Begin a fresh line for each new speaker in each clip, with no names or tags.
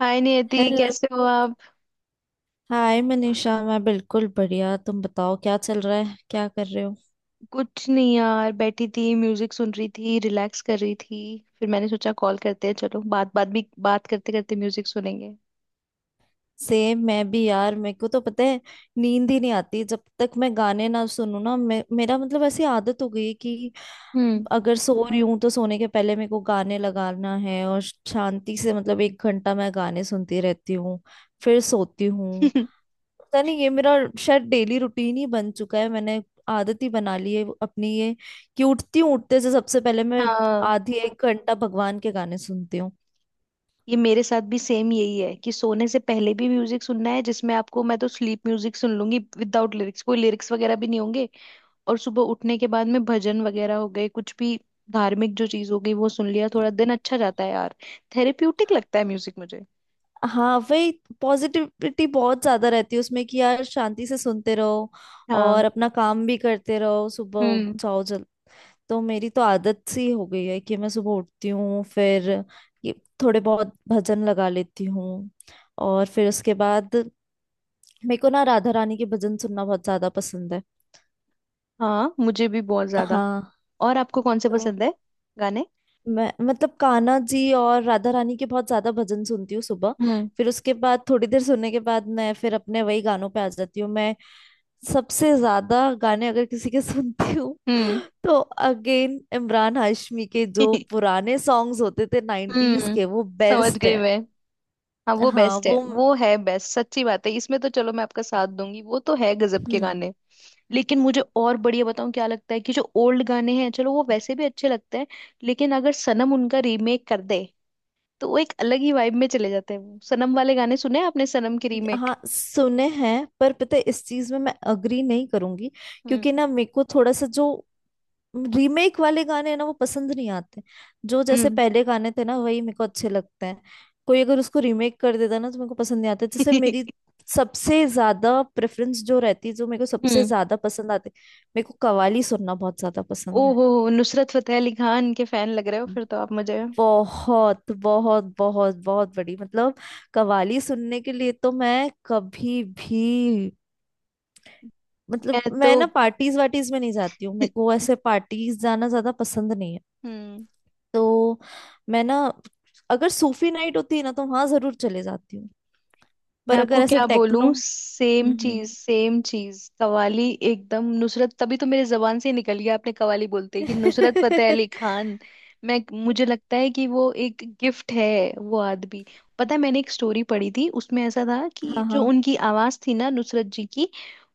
हाय Niyati,
hello.
कैसे हो आप?
हाय मनीषा, मैं बिल्कुल बढ़िया। तुम बताओ, क्या चल रहा है? क्या कर रहे हो?
कुछ नहीं यार, बैठी थी म्यूजिक सुन रही थी, रिलैक्स कर रही थी। फिर मैंने सोचा कॉल करते हैं, चलो बात बात भी बात करते करते म्यूजिक सुनेंगे।
सेम, मैं भी यार। मेरे को तो पता है, नींद ही नहीं आती जब तक मैं गाने ना सुनूं ना। मेरा मतलब ऐसी आदत हो गई है कि
हम्म।
अगर सो रही हूँ तो सोने के पहले मेरे को गाने लगाना है, और शांति से, मतलब एक घंटा मैं गाने सुनती रहती हूँ, फिर सोती हूँ। पता नहीं, ये मेरा शायद डेली रूटीन ही बन चुका है। मैंने आदत ही बना ली है अपनी ये, कि उठती हूँ, उठते से सबसे पहले मैं
हाँ,
आधी एक घंटा भगवान के गाने सुनती हूँ।
ये मेरे साथ भी सेम यही है कि सोने से पहले भी म्यूजिक सुनना है, जिसमें आपको मैं तो स्लीप म्यूजिक सुन लूंगी विदाउट लिरिक्स, कोई लिरिक्स वगैरह भी नहीं होंगे। और सुबह उठने के बाद में भजन वगैरह हो गए, कुछ भी धार्मिक जो चीज हो गई वो सुन लिया, थोड़ा दिन अच्छा जाता है यार। थेरेप्यूटिक लगता है म्यूजिक मुझे।
हाँ वही, पॉजिटिविटी बहुत ज्यादा रहती है उसमें कि यार शांति से सुनते रहो
हाँ।
और अपना काम भी करते रहो, सुबह उठ
हम्म।
जाओ जल। तो मेरी तो आदत सी हो गई है कि मैं सुबह उठती हूँ, फिर ये थोड़े बहुत भजन लगा लेती हूँ, और फिर उसके बाद मेरे को ना राधा रानी के भजन सुनना बहुत ज्यादा पसंद है।
हाँ, मुझे भी बहुत ज्यादा।
हाँ।
और आपको कौन से
तो
पसंद है गाने?
मैं, मतलब कान्हा जी और राधा रानी के बहुत ज्यादा भजन सुनती हूँ सुबह।
हम्म।
फिर उसके बाद थोड़ी देर सुनने के बाद मैं फिर अपने वही गानों पे आ जाती हूँ। मैं सबसे ज्यादा गाने अगर किसी के सुनती हूँ
हम्म।
तो अगेन इमरान हाशमी के, जो पुराने सॉन्ग्स होते थे नाइन्टीज
हम्म,
के, वो
समझ
बेस्ट
गई
है।
मैं। हाँ वो
हाँ
बेस्ट है,
वो।
वो है बेस्ट, सच्ची बात है, इसमें तो चलो मैं आपका साथ दूंगी, वो तो है गजब के
हम्म।
गाने। लेकिन मुझे और बढ़िया बताऊं क्या लगता है, कि जो ओल्ड गाने हैं चलो वो वैसे भी अच्छे लगते हैं, लेकिन अगर सनम उनका रीमेक कर दे तो वो एक अलग ही वाइब में चले जाते हैं। वो सनम वाले गाने सुने हैं आपने, सनम की रीमेक?
हाँ सुने हैं, पर पता है इस चीज में मैं अग्री नहीं करूंगी।
हम्म।
क्योंकि ना मेरे को थोड़ा सा जो रीमेक वाले गाने ना, वो पसंद नहीं आते। जो जैसे
हम्म।
पहले गाने थे ना, वही मेरे को अच्छे लगते हैं। कोई अगर उसको रीमेक कर देता ना, तो मेरे को पसंद नहीं आता, जैसे मेरी सबसे ज्यादा प्रेफरेंस जो रहती है, जो मेरे को सबसे
हम्म।
ज्यादा पसंद आते, मेरे को कव्वाली सुनना बहुत ज्यादा पसंद है।
ओहो, नुसरत फतेह अली खान के फैन लग रहे हो फिर तो आप। मुझे
बहुत बहुत बहुत बहुत बड़ी, मतलब कव्वाली सुनने के लिए तो मैं कभी भी, मतलब
मैं तो
मैं ना पार्टीज वार्टीज में नहीं जाती हूँ, मेरे को ऐसे पार्टीज जाना ज्यादा पसंद नहीं है।
हम्म।
तो मैं ना अगर सूफी नाइट होती ना, तो वहां जरूर चले जाती हूँ।
मैं
पर
आपको
अगर ऐसे
क्या
टेक्नो।
बोलूं, सेम
हम्म।
चीज सेम चीज, कवाली, एकदम नुसरत, तभी तो मेरे जबान से ही निकल गया आपने कवाली बोलते कि नुसरत फतेह अली खान। मैं मुझे लगता है कि वो एक गिफ्ट है, वो आदमी। पता है, मैंने एक स्टोरी पढ़ी थी, उसमें ऐसा था कि
हाँ
जो
हाँ।
उनकी आवाज थी ना नुसरत जी की,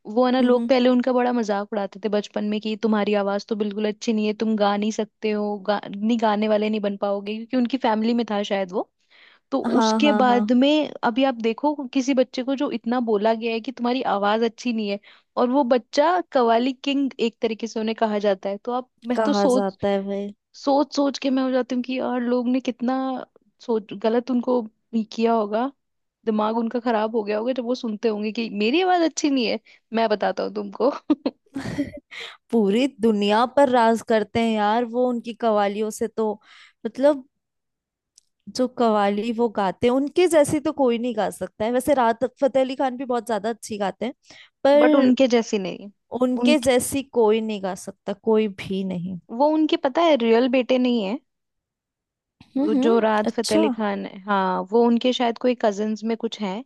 वो है ना, लोग
हम्म।
पहले उनका बड़ा मजाक उड़ाते थे बचपन में कि तुम्हारी आवाज तो बिल्कुल अच्छी नहीं है, तुम गा नहीं सकते हो, नहीं गाने वाले नहीं बन पाओगे, क्योंकि उनकी फैमिली में था शायद वो। तो
हाँ
उसके
हाँ हाँ।
बाद में अभी आप देखो, किसी बच्चे को जो इतना बोला गया है कि तुम्हारी आवाज अच्छी नहीं है और वो बच्चा कवाली किंग एक तरीके से उन्हें कहा जाता है, तो आप, मैं तो
कहा
सोच
जाता है भाई।
सोच सोच के मैं हो जाती हूँ कि यार लोग ने कितना सोच गलत उनको किया होगा। दिमाग उनका खराब हो गया होगा जब वो सुनते होंगे कि मेरी आवाज अच्छी नहीं है, मैं बताता हूँ तुमको।
पूरी दुनिया पर राज करते हैं यार वो, उनकी कवालियों से तो, मतलब जो कवाली वो गाते हैं उनके जैसी तो कोई नहीं गा सकता है। वैसे राहत फतेह अली खान भी बहुत ज्यादा अच्छी गाते हैं,
बट
पर
उनके जैसी नहीं।
उनके
उनके,
जैसी कोई नहीं गा सकता, कोई भी नहीं।
वो उनके, पता है रियल बेटे नहीं, वो जो राहत फतेह
अच्छा।
अली खान है हाँ, वो उनके शायद कोई कजिन्स में कुछ हैं।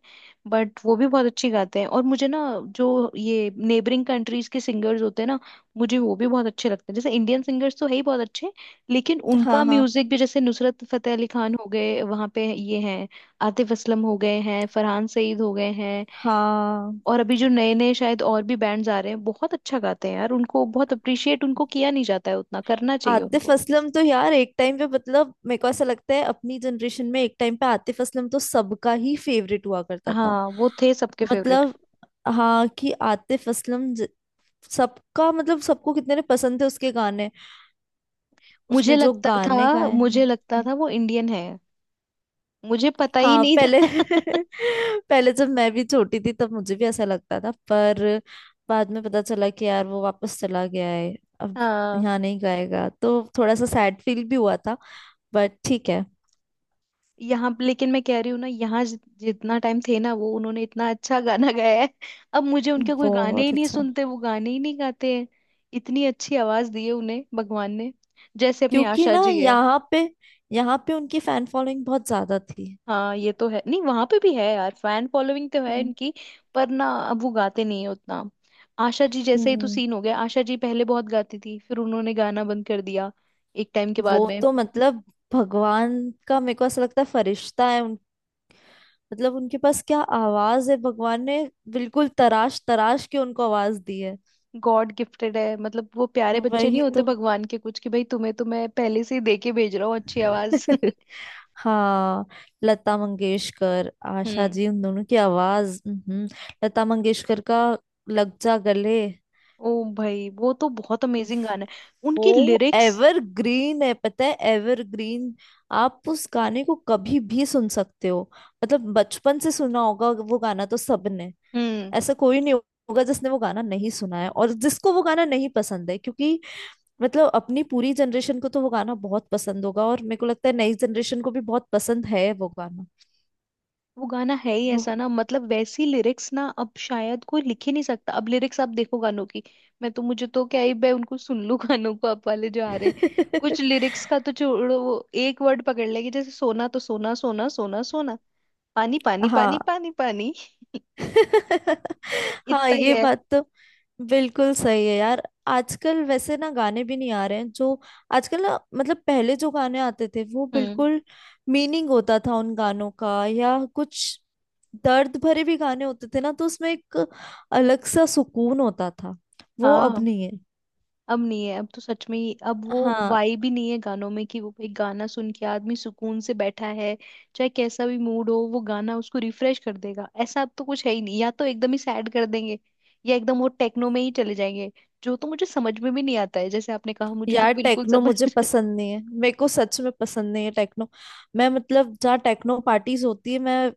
बट वो भी बहुत अच्छी गाते हैं। और मुझे ना, जो ये नेबरिंग कंट्रीज के सिंगर्स होते हैं ना, मुझे वो भी बहुत अच्छे लगते हैं। जैसे इंडियन सिंगर्स तो है ही बहुत अच्छे, लेकिन
हाँ
उनका
हाँ
म्यूजिक भी, जैसे नुसरत फतेह अली खान हो गए, वहाँ पे ये हैं आतिफ असलम हो गए हैं, फरहान सईद हो गए हैं,
हाँ।
और अभी जो नए नए शायद और भी बैंड्स आ रहे हैं, बहुत अच्छा गाते हैं यार। उनको बहुत अप्रिशिएट उनको किया नहीं जाता है, उतना करना चाहिए
आतिफ
उनको।
असलम तो यार एक टाइम पे, मतलब मेरे को ऐसा लगता है अपनी जनरेशन में एक टाइम पे आतिफ असलम तो सबका ही फेवरेट हुआ करता था।
हाँ वो थे सबके फेवरेट।
मतलब हाँ, कि आतिफ असलम सबका, मतलब सबको कितने ने पसंद थे उसके गाने,
मुझे
उसने जो
लगता था
गाने गाए
मुझे
हैं।
लगता था वो इंडियन है, मुझे पता ही
हाँ
नहीं
पहले
था।
पहले जब मैं भी छोटी थी तब मुझे भी ऐसा लगता था, पर बाद में पता चला कि यार वो वापस चला गया है। अब
हाँ।
यहाँ नहीं गाएगा, तो थोड़ा सा सैड फील भी हुआ था, बट ठीक है।
लेकिन मैं कह रही हूँ ना, यहाँ जितना टाइम थे ना वो, उन्होंने इतना अच्छा गाना गाया है। अब मुझे उनके कोई गाने ही
बहुत
नहीं
अच्छा।
सुनते, वो गाने ही नहीं गाते हैं। इतनी अच्छी आवाज दी है उन्हें भगवान ने, जैसे अपनी
क्योंकि
आशा
ना
जी है।
यहाँ पे उनकी फैन फॉलोइंग बहुत ज्यादा थी।
हाँ ये तो है, नहीं वहां पे भी है यार, फैन फॉलोइंग तो है
हम्म
इनकी, पर ना अब वो गाते नहीं है उतना। आशा जी जैसे ही तो
हम्म।
सीन हो गया, आशा जी पहले बहुत गाती थी फिर उन्होंने गाना बंद कर दिया एक टाइम के
वो
बाद में।
तो, मतलब भगवान का, मेरे को ऐसा लगता है फरिश्ता है उन, मतलब उनके पास क्या आवाज है, भगवान ने बिल्कुल तराश तराश के उनको आवाज दी है।
गॉड गिफ्टेड है मतलब, वो प्यारे बच्चे
वही
नहीं होते
तो।
भगवान के कुछ, कि भाई तुम्हें तो मैं पहले से ही दे के भेज रहा हूँ अच्छी आवाज।
हाँ। लता मंगेशकर, आशा
हम्म।
जी, उन दोनों की आवाज। हम्म। लता मंगेशकर का लग जा गले,
ओ भाई, वो तो बहुत अमेजिंग गाना है, उनकी
वो
लिरिक्स।
एवरग्रीन है, पता है, एवरग्रीन। आप उस गाने को कभी भी सुन सकते हो, मतलब बचपन से सुना होगा वो गाना तो सबने।
हम्म।
ऐसा कोई नहीं होगा जिसने वो गाना नहीं सुना है और जिसको वो गाना नहीं पसंद है, क्योंकि, मतलब अपनी पूरी जनरेशन को तो वो गाना बहुत पसंद होगा, और मेरे को लगता है नई जनरेशन को भी बहुत पसंद है वो गाना।
वो गाना है ही ऐसा
वो-
ना, मतलब वैसी लिरिक्स ना अब शायद कोई लिख ही नहीं सकता। अब लिरिक्स आप देखो गानों की, मैं तो, मुझे तो क्या ही, मैं उनको सुन लूं गानों को अब वाले जो आ रहे हैं। कुछ लिरिक्स का तो छोड़ो, वो एक वर्ड पकड़ लेगी, जैसे सोना तो सोना सोना सोना सोना, पानी पानी पानी
हाँ।
पानी पानी,
हाँ,
इतना ही
ये
है।
बात तो बिल्कुल सही है यार। आजकल वैसे ना गाने भी नहीं आ रहे हैं जो, आजकल ना, मतलब पहले जो गाने आते थे वो
हम्म।
बिल्कुल मीनिंग होता था उन गानों का, या कुछ दर्द भरे भी गाने होते थे ना, तो उसमें एक अलग सा सुकून होता था, वो अब
हाँ
नहीं है।
अब नहीं है, अब तो सच में ही, अब वो
हाँ।
वाइब ही नहीं है गानों में कि वो भाई गाना सुन के आदमी सुकून से बैठा है। चाहे कैसा भी मूड हो वो गाना उसको रिफ्रेश कर देगा, ऐसा अब तो कुछ है ही नहीं। या तो एकदम ही सैड कर देंगे, या एकदम वो टेक्नो में ही चले जाएंगे, जो तो मुझे समझ में भी नहीं आता है। जैसे आपने कहा, मुझे तो
यार
बिल्कुल
टेक्नो
समझ
मुझे पसंद नहीं है, मेरे को सच में पसंद नहीं है टेक्नो। मैं, मतलब जहाँ टेक्नो पार्टीज होती है, मैं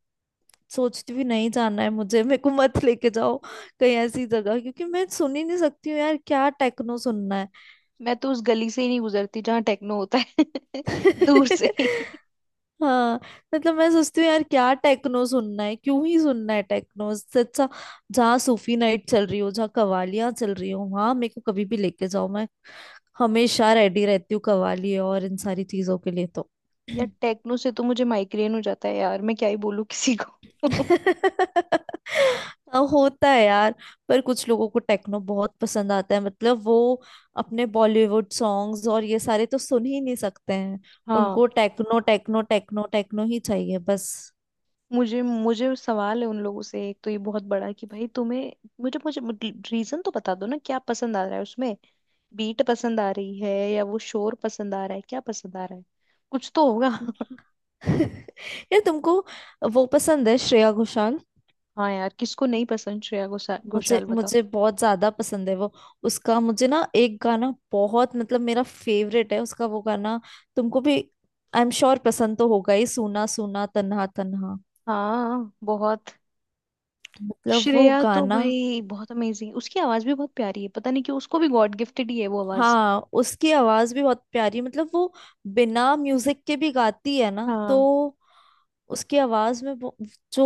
सोचती भी नहीं, जाना है मुझे, मेरे को मत लेके जाओ कहीं ऐसी जगह, क्योंकि मैं सुन ही नहीं सकती हूँ यार, क्या टेक्नो सुनना है।
मैं तो उस गली से ही नहीं गुजरती जहाँ टेक्नो होता है। दूर से ही।
हाँ। मतलब मैं सोचती हूँ यार क्या टेक्नो सुनना है, क्यों ही सुनना है टेक्नो, इससे अच्छा जहाँ सूफी नाइट चल रही हो, जहाँ कवालियाँ चल रही हो, वहां मेरे को कभी भी लेके जाओ, मैं हमेशा रेडी रहती हूँ कवाली और इन सारी चीजों के लिए तो।
यार टेक्नो से तो मुझे माइग्रेन हो जाता है यार, मैं क्या ही बोलूँ किसी को।
हाँ, होता है यार। पर कुछ लोगों को टेक्नो बहुत पसंद आता है, मतलब वो अपने बॉलीवुड सॉन्ग्स और ये सारे तो सुन ही नहीं सकते हैं,
हाँ।
उनको टेक्नो टेक्नो टेक्नो टेक्नो ही चाहिए बस।
मुझे मुझे सवाल है उन लोगों से, एक तो ये बहुत बड़ा है कि भाई तुम्हें, मुझे मुझे रीजन तो बता दो ना क्या पसंद आ रहा है उसमें। बीट पसंद आ रही है या वो शोर पसंद आ रहा है, क्या पसंद आ रहा है, कुछ तो होगा।
यार तुमको वो पसंद है, श्रेया घोषाल?
हाँ यार, किसको नहीं पसंद श्रेया घोषाल,
मुझे
घोषाल बताओ।
मुझे बहुत ज्यादा पसंद है वो। उसका मुझे ना एक गाना बहुत, मतलब मेरा फेवरेट है उसका, वो गाना तुमको भी आई एम श्योर पसंद तो होगा ही, सूना सूना तन्हा तन्हा,
हाँ बहुत।
मतलब वो
श्रेया तो
गाना।
भाई बहुत अमेजिंग, उसकी आवाज भी बहुत प्यारी है, पता नहीं क्यों, उसको भी गॉड गिफ्टेड ही है वो आवाज।
हाँ उसकी आवाज भी बहुत प्यारी, मतलब वो बिना म्यूजिक के भी गाती है ना, तो
हाँ
उसकी आवाज में जो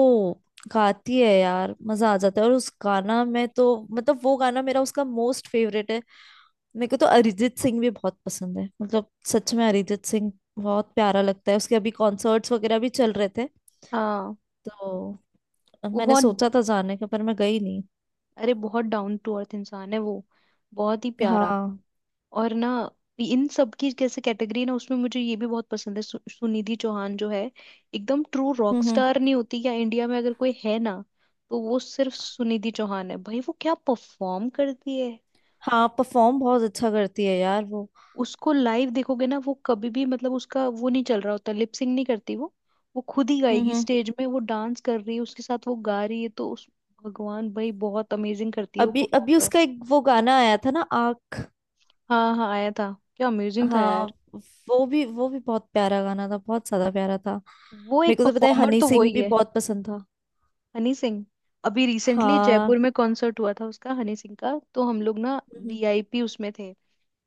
गाती है यार, मजा आ जाता है। और उस गाना में तो, मतलब वो गाना मेरा, उसका मोस्ट फेवरेट है। मेरे को तो अरिजीत सिंह भी बहुत पसंद है, मतलब सच में अरिजीत सिंह बहुत प्यारा लगता है, उसके अभी कॉन्सर्ट्स वगैरह भी चल रहे थे,
हाँ।
तो
वो
मैंने
बहुत,
सोचा था जाने का, पर मैं गई नहीं।
अरे बहुत डाउन टू अर्थ इंसान है वो, बहुत ही प्यारा।
हाँ।
और ना इन सब की कैसे कैटेगरी ना, उसमें मुझे ये भी बहुत पसंद है सुनिधि चौहान, जो है एकदम ट्रू रॉक
हम्म।
स्टार, नहीं होती या इंडिया में अगर कोई है ना, तो वो सिर्फ सुनिधि चौहान है भाई, वो क्या परफॉर्म करती है।
हाँ, परफॉर्म बहुत अच्छा करती है यार वो।
उसको लाइव देखोगे ना वो कभी भी, मतलब उसका वो नहीं चल रहा होता, लिपसिंग नहीं करती वो। वो खुद ही गाएगी,
हम्म।
स्टेज में वो डांस कर रही है उसके साथ वो गा रही है, तो उस भगवान, भाई बहुत अमेजिंग करती है वो
अभी
परफॉर्म
अभी
तो।
उसका एक वो गाना आया था ना, आँख।
हाँ हाँ आया था, क्या अमेजिंग था
हाँ
यार।
वो भी बहुत प्यारा गाना था, बहुत ज्यादा प्यारा था।
वो
मेरे
एक
को तो पता है
परफॉर्मर
हनी
तो
सिंह
वही
भी
है।
बहुत पसंद था।
हनी सिंह, अभी रिसेंटली जयपुर
हाँ।
में कॉन्सर्ट हुआ था उसका, हनी सिंह का, तो हम लोग ना
हम्म
वीआईपी उसमें थे,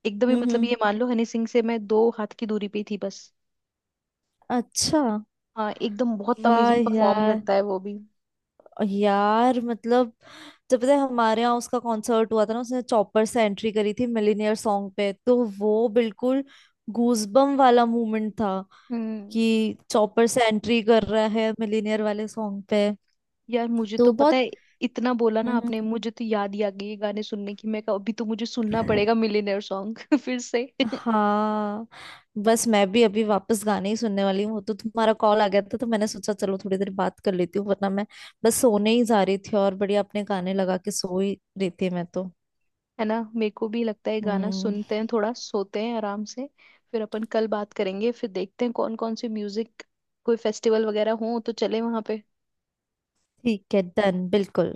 एकदम ही
हम्म।
मतलब
हम्म,
ये मान लो हनी सिंह से मैं दो हाथ की दूरी पे ही थी बस।
अच्छा।
हाँ एकदम बहुत
वाह
अमेजिंग परफॉर्म
यार।
करता है वो भी।
यार, मतलब जब, पता है हमारे यहाँ उसका कॉन्सर्ट हुआ था ना, उसने चौपर से एंट्री करी थी मिलीनियर सॉन्ग पे, तो वो बिल्कुल गूजबम वाला मोमेंट था,
हम्म।
कि चौपर से एंट्री कर रहा है मिलीनियर वाले सॉन्ग पे,
यार मुझे तो
तो
पता
बहुत।
है, इतना बोला ना
हम्म
आपने, मुझे तो याद ही आ गई ये गाने सुनने की, मैं कहा अभी तो मुझे सुनना
हम्म।
पड़ेगा मिलियनेयर सॉन्ग फिर से।
हाँ। बस मैं भी अभी वापस गाने ही सुनने वाली हूँ, वो तो तुम्हारा कॉल आ गया था तो मैंने सोचा चलो थोड़ी देर बात कर लेती हूँ, वरना मैं बस सोने ही जा रही थी और बढ़िया अपने गाने लगा के सो ही रही थी मैं तो।
है ना, मेरे को भी लगता है गाना
हम्म।
सुनते हैं थोड़ा, सोते हैं आराम से, फिर अपन कल बात करेंगे, फिर देखते हैं कौन कौन से म्यूजिक, कोई फेस्टिवल वगैरह हो तो चले वहां पे।
ठीक है, डन, बिल्कुल।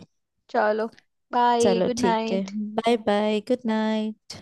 चलो, बाय,
चलो
गुड
ठीक है।
Night.
Bye bye, good night.